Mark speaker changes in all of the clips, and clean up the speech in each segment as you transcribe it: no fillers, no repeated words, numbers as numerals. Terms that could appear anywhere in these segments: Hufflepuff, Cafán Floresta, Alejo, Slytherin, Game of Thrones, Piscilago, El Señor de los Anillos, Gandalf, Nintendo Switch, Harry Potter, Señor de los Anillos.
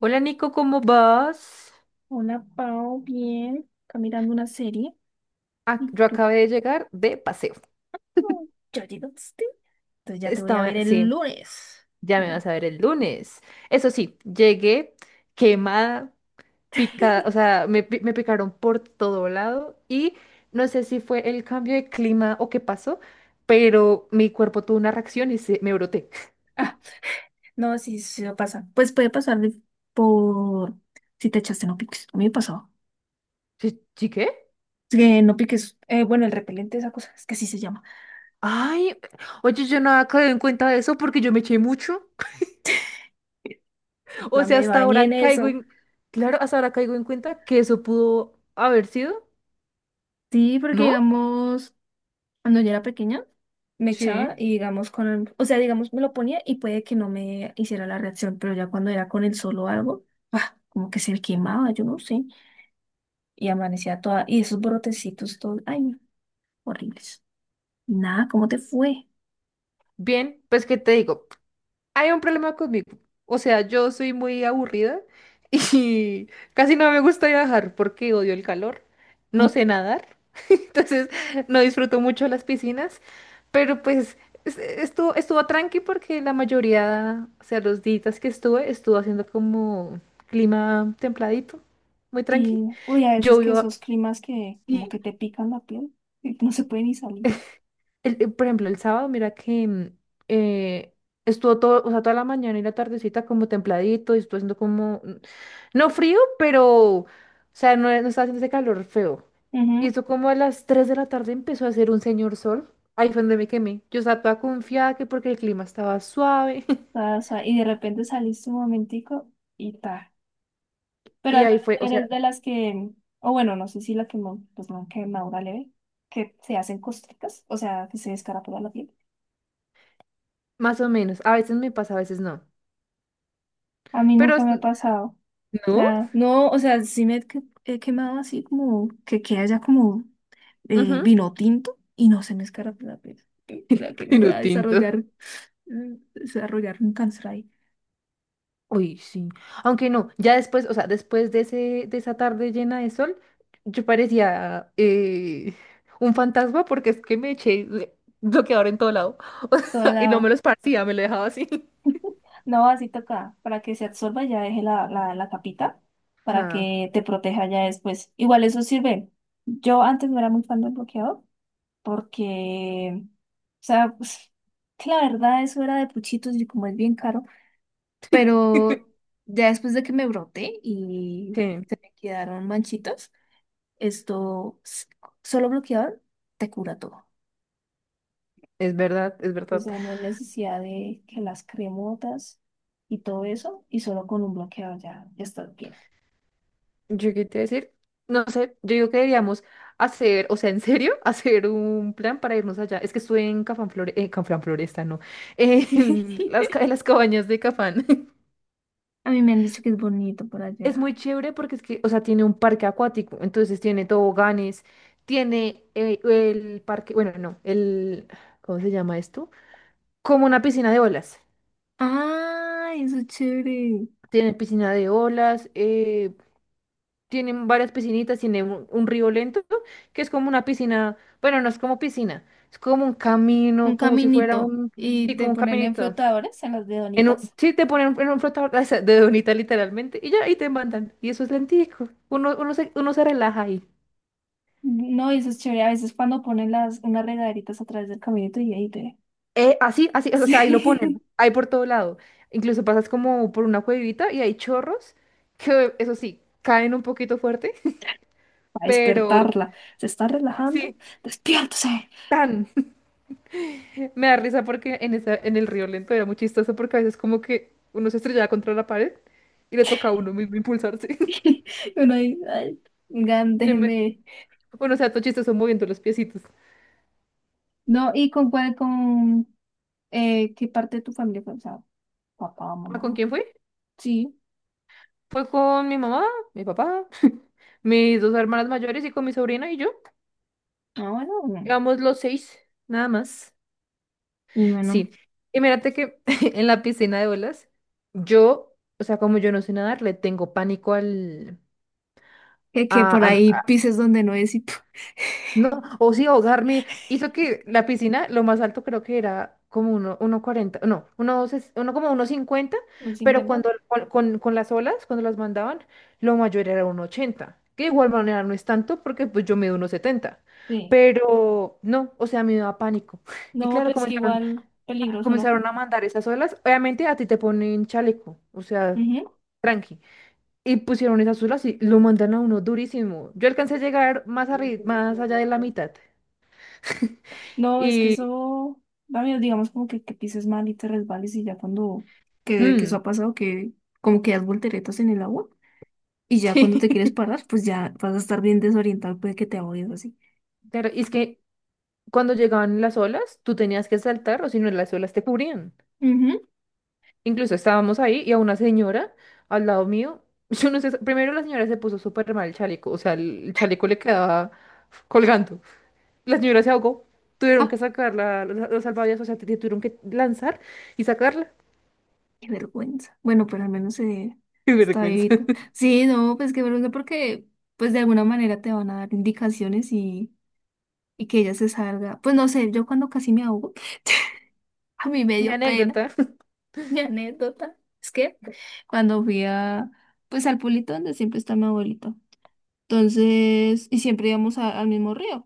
Speaker 1: Hola Nico, ¿cómo vas?
Speaker 2: Hola, Pau, bien. Acá mirando una serie.
Speaker 1: Ah,
Speaker 2: ¿Y
Speaker 1: yo
Speaker 2: tú?
Speaker 1: acabé de llegar de paseo.
Speaker 2: Oh, ¿ya llegaste? Entonces ya te voy a ver
Speaker 1: Estaba,
Speaker 2: el
Speaker 1: sí,
Speaker 2: lunes.
Speaker 1: ya me
Speaker 2: No.
Speaker 1: vas a ver el lunes. Eso sí, llegué quemada, picada, o sea, me picaron por todo lado y no sé si fue el cambio de clima o qué pasó, pero mi cuerpo tuvo una reacción y me broté.
Speaker 2: Ah, no, sí, sí, sí, pasa. Pues puede pasar por si te echaste no piques. A mí me pasó.
Speaker 1: ¿Sí, sí qué?
Speaker 2: Que no piques. Bueno, el repelente, esa cosa. Es que así se llama.
Speaker 1: Ay, oye, yo no había caído en cuenta de eso porque yo me eché mucho.
Speaker 2: En
Speaker 1: O
Speaker 2: plan,
Speaker 1: sea,
Speaker 2: me
Speaker 1: hasta
Speaker 2: bañé en
Speaker 1: ahora caigo
Speaker 2: eso.
Speaker 1: en, claro, hasta ahora caigo en cuenta que eso pudo haber sido.
Speaker 2: Sí, porque
Speaker 1: ¿No?
Speaker 2: digamos. Cuando yo era pequeña, me echaba
Speaker 1: Sí.
Speaker 2: y digamos o sea, digamos me lo ponía y puede que no me hiciera la reacción, pero ya cuando era con el solo algo, ¡pah!, como que se me quemaba, yo no sé, y amanecía toda, y esos brotecitos todos, ay, no, horribles. Nada, ¿cómo te fue?
Speaker 1: Bien, pues ¿qué te digo? Hay un problema conmigo. O sea, yo soy muy aburrida y casi no me gusta viajar porque odio el calor. No
Speaker 2: Mm,
Speaker 1: sé nadar, entonces no disfruto mucho las piscinas, pero pues estuvo tranqui porque la mayoría, o sea, los días que estuve, estuvo haciendo como clima templadito, muy tranqui.
Speaker 2: sí, uy, a veces que
Speaker 1: Llovió.
Speaker 2: esos climas que como que te pican la piel y no se puede ni salir.
Speaker 1: Por ejemplo, el sábado, mira que eh, estuvo todo, o sea, toda la mañana y la tardecita como templadito y estuvo haciendo como, no frío, pero, o sea, no estaba haciendo ese calor feo. Y
Speaker 2: Ujú.
Speaker 1: eso como a las 3 de la tarde empezó a hacer un señor sol. Ahí fue donde me quemé. Yo estaba toda confiada que porque el clima estaba suave.
Speaker 2: O sea, y de repente saliste un momentico y ta. Pero
Speaker 1: Y
Speaker 2: al
Speaker 1: ahí
Speaker 2: menos
Speaker 1: fue,
Speaker 2: no
Speaker 1: o sea,
Speaker 2: eres de las que, o bueno, no sé si la quemó, pues no, quemadura leve, que se hacen costricas, o sea, que se descarapela la piel.
Speaker 1: más o menos. A veces me pasa, a veces no.
Speaker 2: A mí
Speaker 1: Pero,
Speaker 2: nunca me ha pasado. O
Speaker 1: ¿no?
Speaker 2: sea, no, o sea, he quemado así como que queda ya como
Speaker 1: Ujú.
Speaker 2: vino tinto y no se me escarapela la piel. ¿Será que me voy
Speaker 1: Vino
Speaker 2: a
Speaker 1: tinto.
Speaker 2: desarrollar un cáncer ahí?
Speaker 1: Uy, sí. Aunque no, ya después, o sea, después de ese, de esa tarde llena de sol, yo parecía un fantasma porque es que me eché bloqueador en todo lado. O
Speaker 2: Todo
Speaker 1: sea, y no me lo
Speaker 2: lado.
Speaker 1: esparcía, me lo dejaba así.
Speaker 2: No, así toca, para que se absorba ya deje la, la capita, para
Speaker 1: Ajá,
Speaker 2: que te proteja ya después. Igual eso sirve. Yo antes no era muy fan del bloqueador, porque, o sea, pues, que la verdad eso era de puchitos y como es bien caro, pero ya después de que me broté y
Speaker 1: sí,
Speaker 2: se me quedaron manchitas, esto, solo bloqueador te cura todo.
Speaker 1: es verdad, es
Speaker 2: O
Speaker 1: verdad.
Speaker 2: sea, no hay necesidad de que las cremotas y todo eso, y solo con un bloqueador ya, ya estás bien.
Speaker 1: Yo qué te iba a decir, no sé, yo digo que deberíamos hacer, o sea, en serio, hacer un plan para irnos allá. Es que estuve en Cafán Flore, Cafán Floresta, no, en las cabañas de Cafán.
Speaker 2: A mí me han dicho que es bonito por
Speaker 1: Es
Speaker 2: allá.
Speaker 1: muy chévere porque es que, o sea, tiene un parque acuático, entonces tiene toboganes, tiene el parque, bueno, no, el, ¿cómo se llama esto? Como una piscina de olas.
Speaker 2: Ah, eso es chévere.
Speaker 1: Tiene piscina de olas, tienen varias piscinitas, tiene un río lento, que es como una piscina, bueno, no es como piscina, es como un camino,
Speaker 2: Un
Speaker 1: como si fuera
Speaker 2: caminito.
Speaker 1: un,
Speaker 2: Y
Speaker 1: sí,
Speaker 2: te
Speaker 1: como un
Speaker 2: ponen en
Speaker 1: caminito.
Speaker 2: flotadores, en las
Speaker 1: En un,
Speaker 2: dedonitas.
Speaker 1: sí, te ponen en un flotador o sea, de donita literalmente, y ya ahí te mandan. Y eso es lentico. Uno se relaja ahí.
Speaker 2: No, eso es chévere. A veces cuando ponen las, unas regaderitas a través del caminito y ahí te.
Speaker 1: Así, así, o sea, ahí lo ponen,
Speaker 2: Sí.
Speaker 1: ahí por todo lado. Incluso pasas como por una cuevita y hay chorros que, eso sí, caen un poquito fuerte.
Speaker 2: Para
Speaker 1: Pero
Speaker 2: despertarla. Se está relajando.
Speaker 1: sí,
Speaker 2: Despiértese.
Speaker 1: tan. Me da risa porque en esa, en el río lento era muy chistoso porque a veces como que uno se estrellaba contra la pared y le toca a uno mismo impulsarse.
Speaker 2: Y Uno ahí, ay, oigan,
Speaker 1: Y yo me-
Speaker 2: déjenme.
Speaker 1: Bueno, o sea, todo chistoso moviendo los piecitos.
Speaker 2: No, ¿y con cuál, con qué parte de tu familia fue? O sea, papá,
Speaker 1: Ah, ¿con
Speaker 2: mamá.
Speaker 1: quién fue?
Speaker 2: Sí.
Speaker 1: Fue con mi mamá, mi papá, mis dos hermanas mayores y con mi sobrina y yo.
Speaker 2: Ah, bueno. Mm.
Speaker 1: Éramos los seis, nada más.
Speaker 2: Y bueno.
Speaker 1: Sí. Y mírate que en la piscina de olas, yo, o sea, como yo no sé nadar, le tengo pánico al...
Speaker 2: Que
Speaker 1: A,
Speaker 2: por
Speaker 1: a-
Speaker 2: ahí
Speaker 1: a-
Speaker 2: pises donde no es y ¡puf!
Speaker 1: no, o sí, ahogarme. Hizo que la piscina, lo más alto creo que era como uno cuarenta no, uno como 1,50,
Speaker 2: ¿Un
Speaker 1: pero
Speaker 2: 50?
Speaker 1: cuando con las olas, cuando las mandaban, lo mayor era 1,80, que de igual manera no es tanto porque pues yo mido 1,70,
Speaker 2: Sí.
Speaker 1: pero no, o sea, me daba pánico. Y
Speaker 2: No,
Speaker 1: claro,
Speaker 2: pues que
Speaker 1: comenzaron
Speaker 2: igual peligroso, ¿no?
Speaker 1: comenzaron a mandar esas olas. Obviamente a ti te ponen chaleco, o sea,
Speaker 2: Ujú.
Speaker 1: tranqui. Y pusieron esas olas y lo mandan a uno durísimo. Yo alcancé a llegar más allá de la mitad.
Speaker 2: No, es que
Speaker 1: Y
Speaker 2: eso da miedo, digamos, como que pises mal y te resbales y ya cuando, que eso
Speaker 1: mm,
Speaker 2: ha pasado, que como que das volteretas en el agua y ya cuando te quieres
Speaker 1: sí.
Speaker 2: parar, pues ya vas a estar bien desorientado, puede que te ahogues así.
Speaker 1: Claro, y es que cuando llegaban las olas, tú tenías que saltar o si no las olas te cubrían.
Speaker 2: Ujú.
Speaker 1: Incluso estábamos ahí y a una señora al lado mío, yo no sé, primero la señora se puso súper mal el chaleco, o sea, el chaleco le quedaba colgando. La señora se ahogó. Tuvieron
Speaker 2: Ah,
Speaker 1: que sacarla, los salvavidas, o sea, te tuvieron que lanzar y sacarla.
Speaker 2: qué vergüenza. Bueno, pero al menos
Speaker 1: Qué
Speaker 2: está
Speaker 1: vergüenza.
Speaker 2: vivita. Sí, no, pues qué vergüenza porque pues de alguna manera te van a dar indicaciones y, que ella se salga. Pues no sé, yo cuando casi me ahogo, a mí me
Speaker 1: Mi
Speaker 2: dio pena.
Speaker 1: anécdota.
Speaker 2: Mi anécdota es que cuando fui a, pues al pueblito donde siempre está mi abuelito, entonces, y siempre íbamos al mismo río,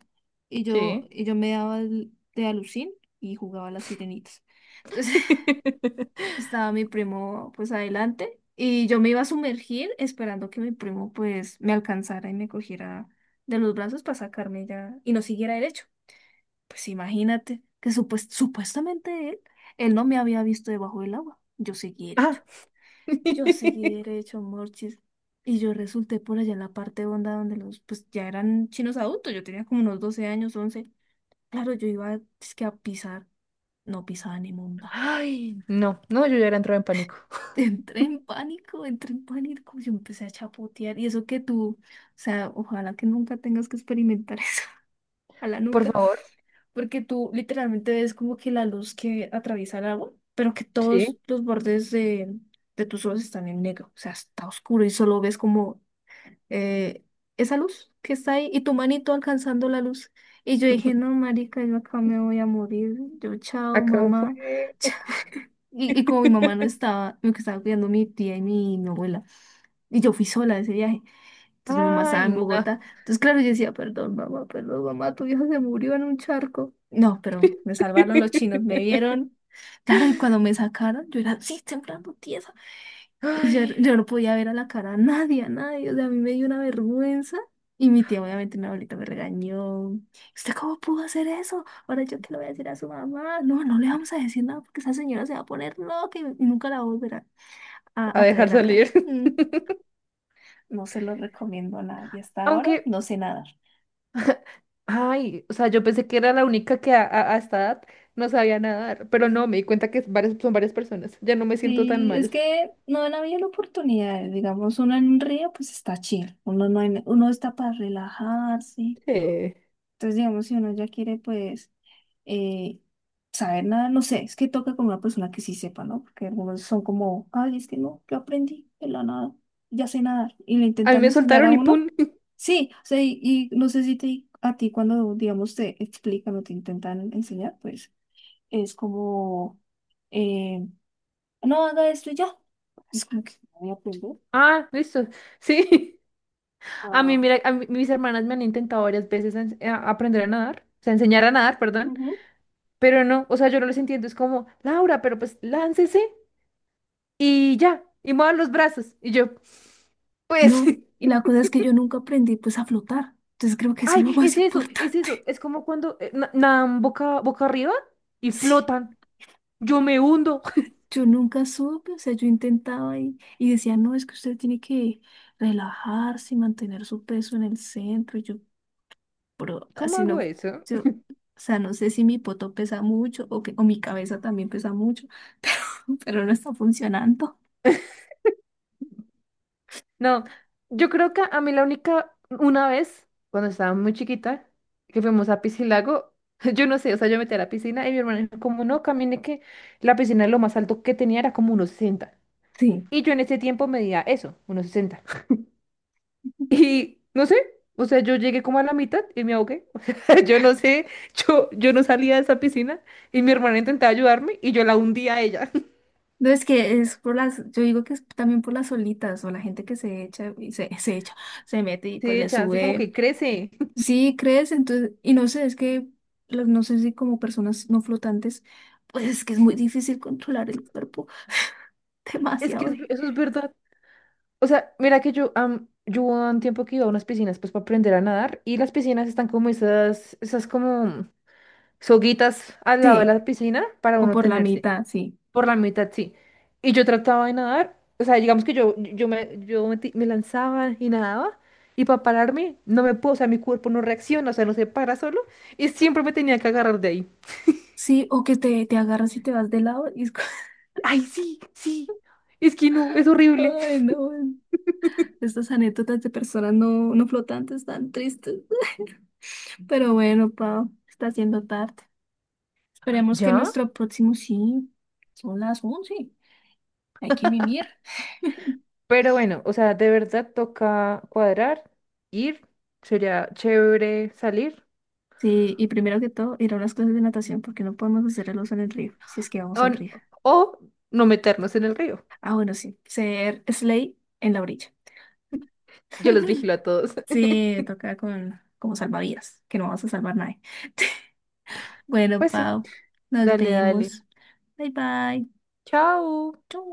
Speaker 2: y yo,
Speaker 1: Sí.
Speaker 2: y yo me daba de alucín y jugaba a las sirenitas. Entonces estaba mi primo pues adelante y yo me iba a sumergir esperando que mi primo pues me alcanzara y me cogiera de los brazos para sacarme ya y no siguiera derecho. Pues imagínate que supuestamente él no me había visto debajo del agua. Yo seguí derecho.
Speaker 1: Ah.
Speaker 2: Yo seguí derecho, Morchis. Y yo resulté por allá en la parte honda donde los, pues ya eran chinos adultos. Yo tenía como unos 12 años, 11. Claro, yo iba es que a pisar. No pisaba ni monda.
Speaker 1: Ay, no, no, yo ya era entrado en pánico.
Speaker 2: Entré en pánico, entré en pánico. Yo empecé a chapotear. Y eso que tú, o sea, ojalá que nunca tengas que experimentar eso. A la
Speaker 1: Por
Speaker 2: nuca,
Speaker 1: favor.
Speaker 2: porque tú literalmente ves como que la luz que atraviesa el agua, pero que
Speaker 1: Sí,
Speaker 2: todos los bordes de tus ojos están en negro, o sea, está oscuro y solo ves como eh, esa luz que está ahí y tu manito alcanzando la luz. Y yo dije, no, marica, yo acá me voy a morir, yo chao,
Speaker 1: acá
Speaker 2: mamá,
Speaker 1: fue.
Speaker 2: chao. Y como mi mamá no estaba, me estaba cuidando mi tía y mi abuela, y yo fui sola a ese viaje. Entonces mi mamá estaba
Speaker 1: Ay,
Speaker 2: en
Speaker 1: no.
Speaker 2: Bogotá. Entonces, claro, yo decía, perdón, mamá, tu viejo se murió en un charco. No, pero me salvaron los chinos, me vieron. Claro, y cuando me sacaron, yo era así, temblando tiesa. Y yo,
Speaker 1: Ay,
Speaker 2: yo no podía ver a la cara a nadie, a nadie. O sea, a mí me dio una vergüenza. Y mi tía, obviamente, mi abuelita me regañó. ¿Usted cómo pudo hacer eso? Ahora yo que le voy a decir a su mamá. No, no le vamos a decir nada porque esa señora se va a poner loca y nunca la va a volver a, a-
Speaker 1: a
Speaker 2: a
Speaker 1: dejar
Speaker 2: traer acá.
Speaker 1: salir.
Speaker 2: Mm. No se los recomiendo a nadie. Y hasta ahora
Speaker 1: Aunque...
Speaker 2: no sé nadar.
Speaker 1: Ay, o sea, yo pensé que era la única que a esta edad no sabía nadar, pero no, me di cuenta que es varias, son varias personas. Ya no me siento tan
Speaker 2: Sí, es
Speaker 1: mal.
Speaker 2: que no han habido la oportunidad. Digamos, uno en un río, pues está chill. Uno no hay- uno está para relajarse.
Speaker 1: Sí.
Speaker 2: Entonces, digamos, si uno ya quiere, pues, eh, saber nada, no sé, es que toca con una persona que sí sepa, ¿no? Porque algunos son como, ay, es que no, yo aprendí de la nada, ya sé nadar. Y le
Speaker 1: A mí
Speaker 2: intentan
Speaker 1: me
Speaker 2: enseñar a
Speaker 1: soltaron y
Speaker 2: uno.
Speaker 1: ¡pum!
Speaker 2: Sí, o sea, y, no sé si te, a ti cuando, digamos, te explican o te intentan enseñar, pues es como, eh, no haga esto y ya. Es como que no voy a aprender.
Speaker 1: Ah, listo. Sí. A mí,
Speaker 2: Ah,
Speaker 1: mira, mis hermanas me han intentado varias veces aprender a nadar, o sea, enseñar a nadar, perdón,
Speaker 2: ujú.
Speaker 1: pero no, o sea, yo no les entiendo. Es como, Laura, pero pues láncese y ya, y mueva los brazos. Y yo, pues...
Speaker 2: No, y la cosa es que yo nunca aprendí pues a flotar. Entonces creo que eso es lo
Speaker 1: Ay,
Speaker 2: más
Speaker 1: es eso, es eso.
Speaker 2: importante.
Speaker 1: Es como cuando nadan boca, boca arriba y
Speaker 2: Sí,
Speaker 1: flotan. Yo me hundo.
Speaker 2: yo nunca supe, o sea, yo intentaba y, decía, no, es que usted tiene que relajarse y mantener su peso en el centro. Y yo, pero
Speaker 1: ¿Cómo
Speaker 2: así
Speaker 1: hago
Speaker 2: no,
Speaker 1: eso?
Speaker 2: yo, o sea, no sé si mi poto pesa mucho o, que, o mi cabeza también pesa mucho, pero no está funcionando.
Speaker 1: No, yo creo que a mí la única, una vez, cuando estaba muy chiquita, que fuimos a Piscilago, yo no sé, o sea, yo metí a la piscina y mi hermana dijo, como no, camine, que la piscina lo más alto que tenía era como unos 60.
Speaker 2: Sí.
Speaker 1: Y yo en ese tiempo medía eso, unos 60. Y no sé, o sea, yo llegué como a la mitad y me ahogué. O sea, yo no sé, yo, no salía de esa piscina y mi hermana intentaba ayudarme y yo la hundía a ella.
Speaker 2: No, es que es por las, yo digo que es también por las solitas o la gente que se echa y se, se echa, se mete y pues
Speaker 1: Sí,
Speaker 2: le
Speaker 1: echa, así como
Speaker 2: sube.
Speaker 1: que crece.
Speaker 2: Sí, crees, entonces, y no sé, es que no sé si como personas no flotantes, pues es que es muy difícil controlar el cuerpo,
Speaker 1: Es
Speaker 2: demasiado.
Speaker 1: que eso es verdad. O sea, mira que yo hubo un tiempo que iba a unas piscinas pues para aprender a nadar, y las piscinas están como esas, como soguitas al lado de
Speaker 2: Sí,
Speaker 1: la piscina para
Speaker 2: o
Speaker 1: uno
Speaker 2: por la
Speaker 1: tenerse,
Speaker 2: mitad, sí.
Speaker 1: por la mitad, sí. Y yo trataba de nadar, o sea, digamos que yo me me lanzaba y nadaba, y para pararme no me puedo, o sea, mi cuerpo no reacciona, o sea, no se para solo, y siempre me tenía que agarrar de ahí.
Speaker 2: Sí, o que te agarras y te vas de lado y es
Speaker 1: Ay, sí, sí, es que no, es horrible.
Speaker 2: Ay, no. Estas anécdotas de personas no flotantes tan tristes. Pero bueno, Pau, está haciendo tarde.
Speaker 1: Ay,
Speaker 2: Esperemos que
Speaker 1: ¿ya?
Speaker 2: nuestro próximo sí. Son las 11. Hay que mimir.
Speaker 1: Pero bueno, o sea, de verdad toca cuadrar, ir, sería chévere salir
Speaker 2: Sí, y primero que todo, ir a unas clases de natación porque no podemos hacer el oso en el río, si es que vamos
Speaker 1: o,
Speaker 2: a un
Speaker 1: n-
Speaker 2: río.
Speaker 1: o no meternos en el río.
Speaker 2: Ah, bueno, sí, ser Slay en la orilla.
Speaker 1: Yo los vigilo a todos.
Speaker 2: Sí, toca con como salvavidas, que no vamos a salvar nadie. Bueno,
Speaker 1: Pues sí,
Speaker 2: Pau, nos
Speaker 1: dale, dale.
Speaker 2: vemos. Bye bye.
Speaker 1: Chao.
Speaker 2: Chau.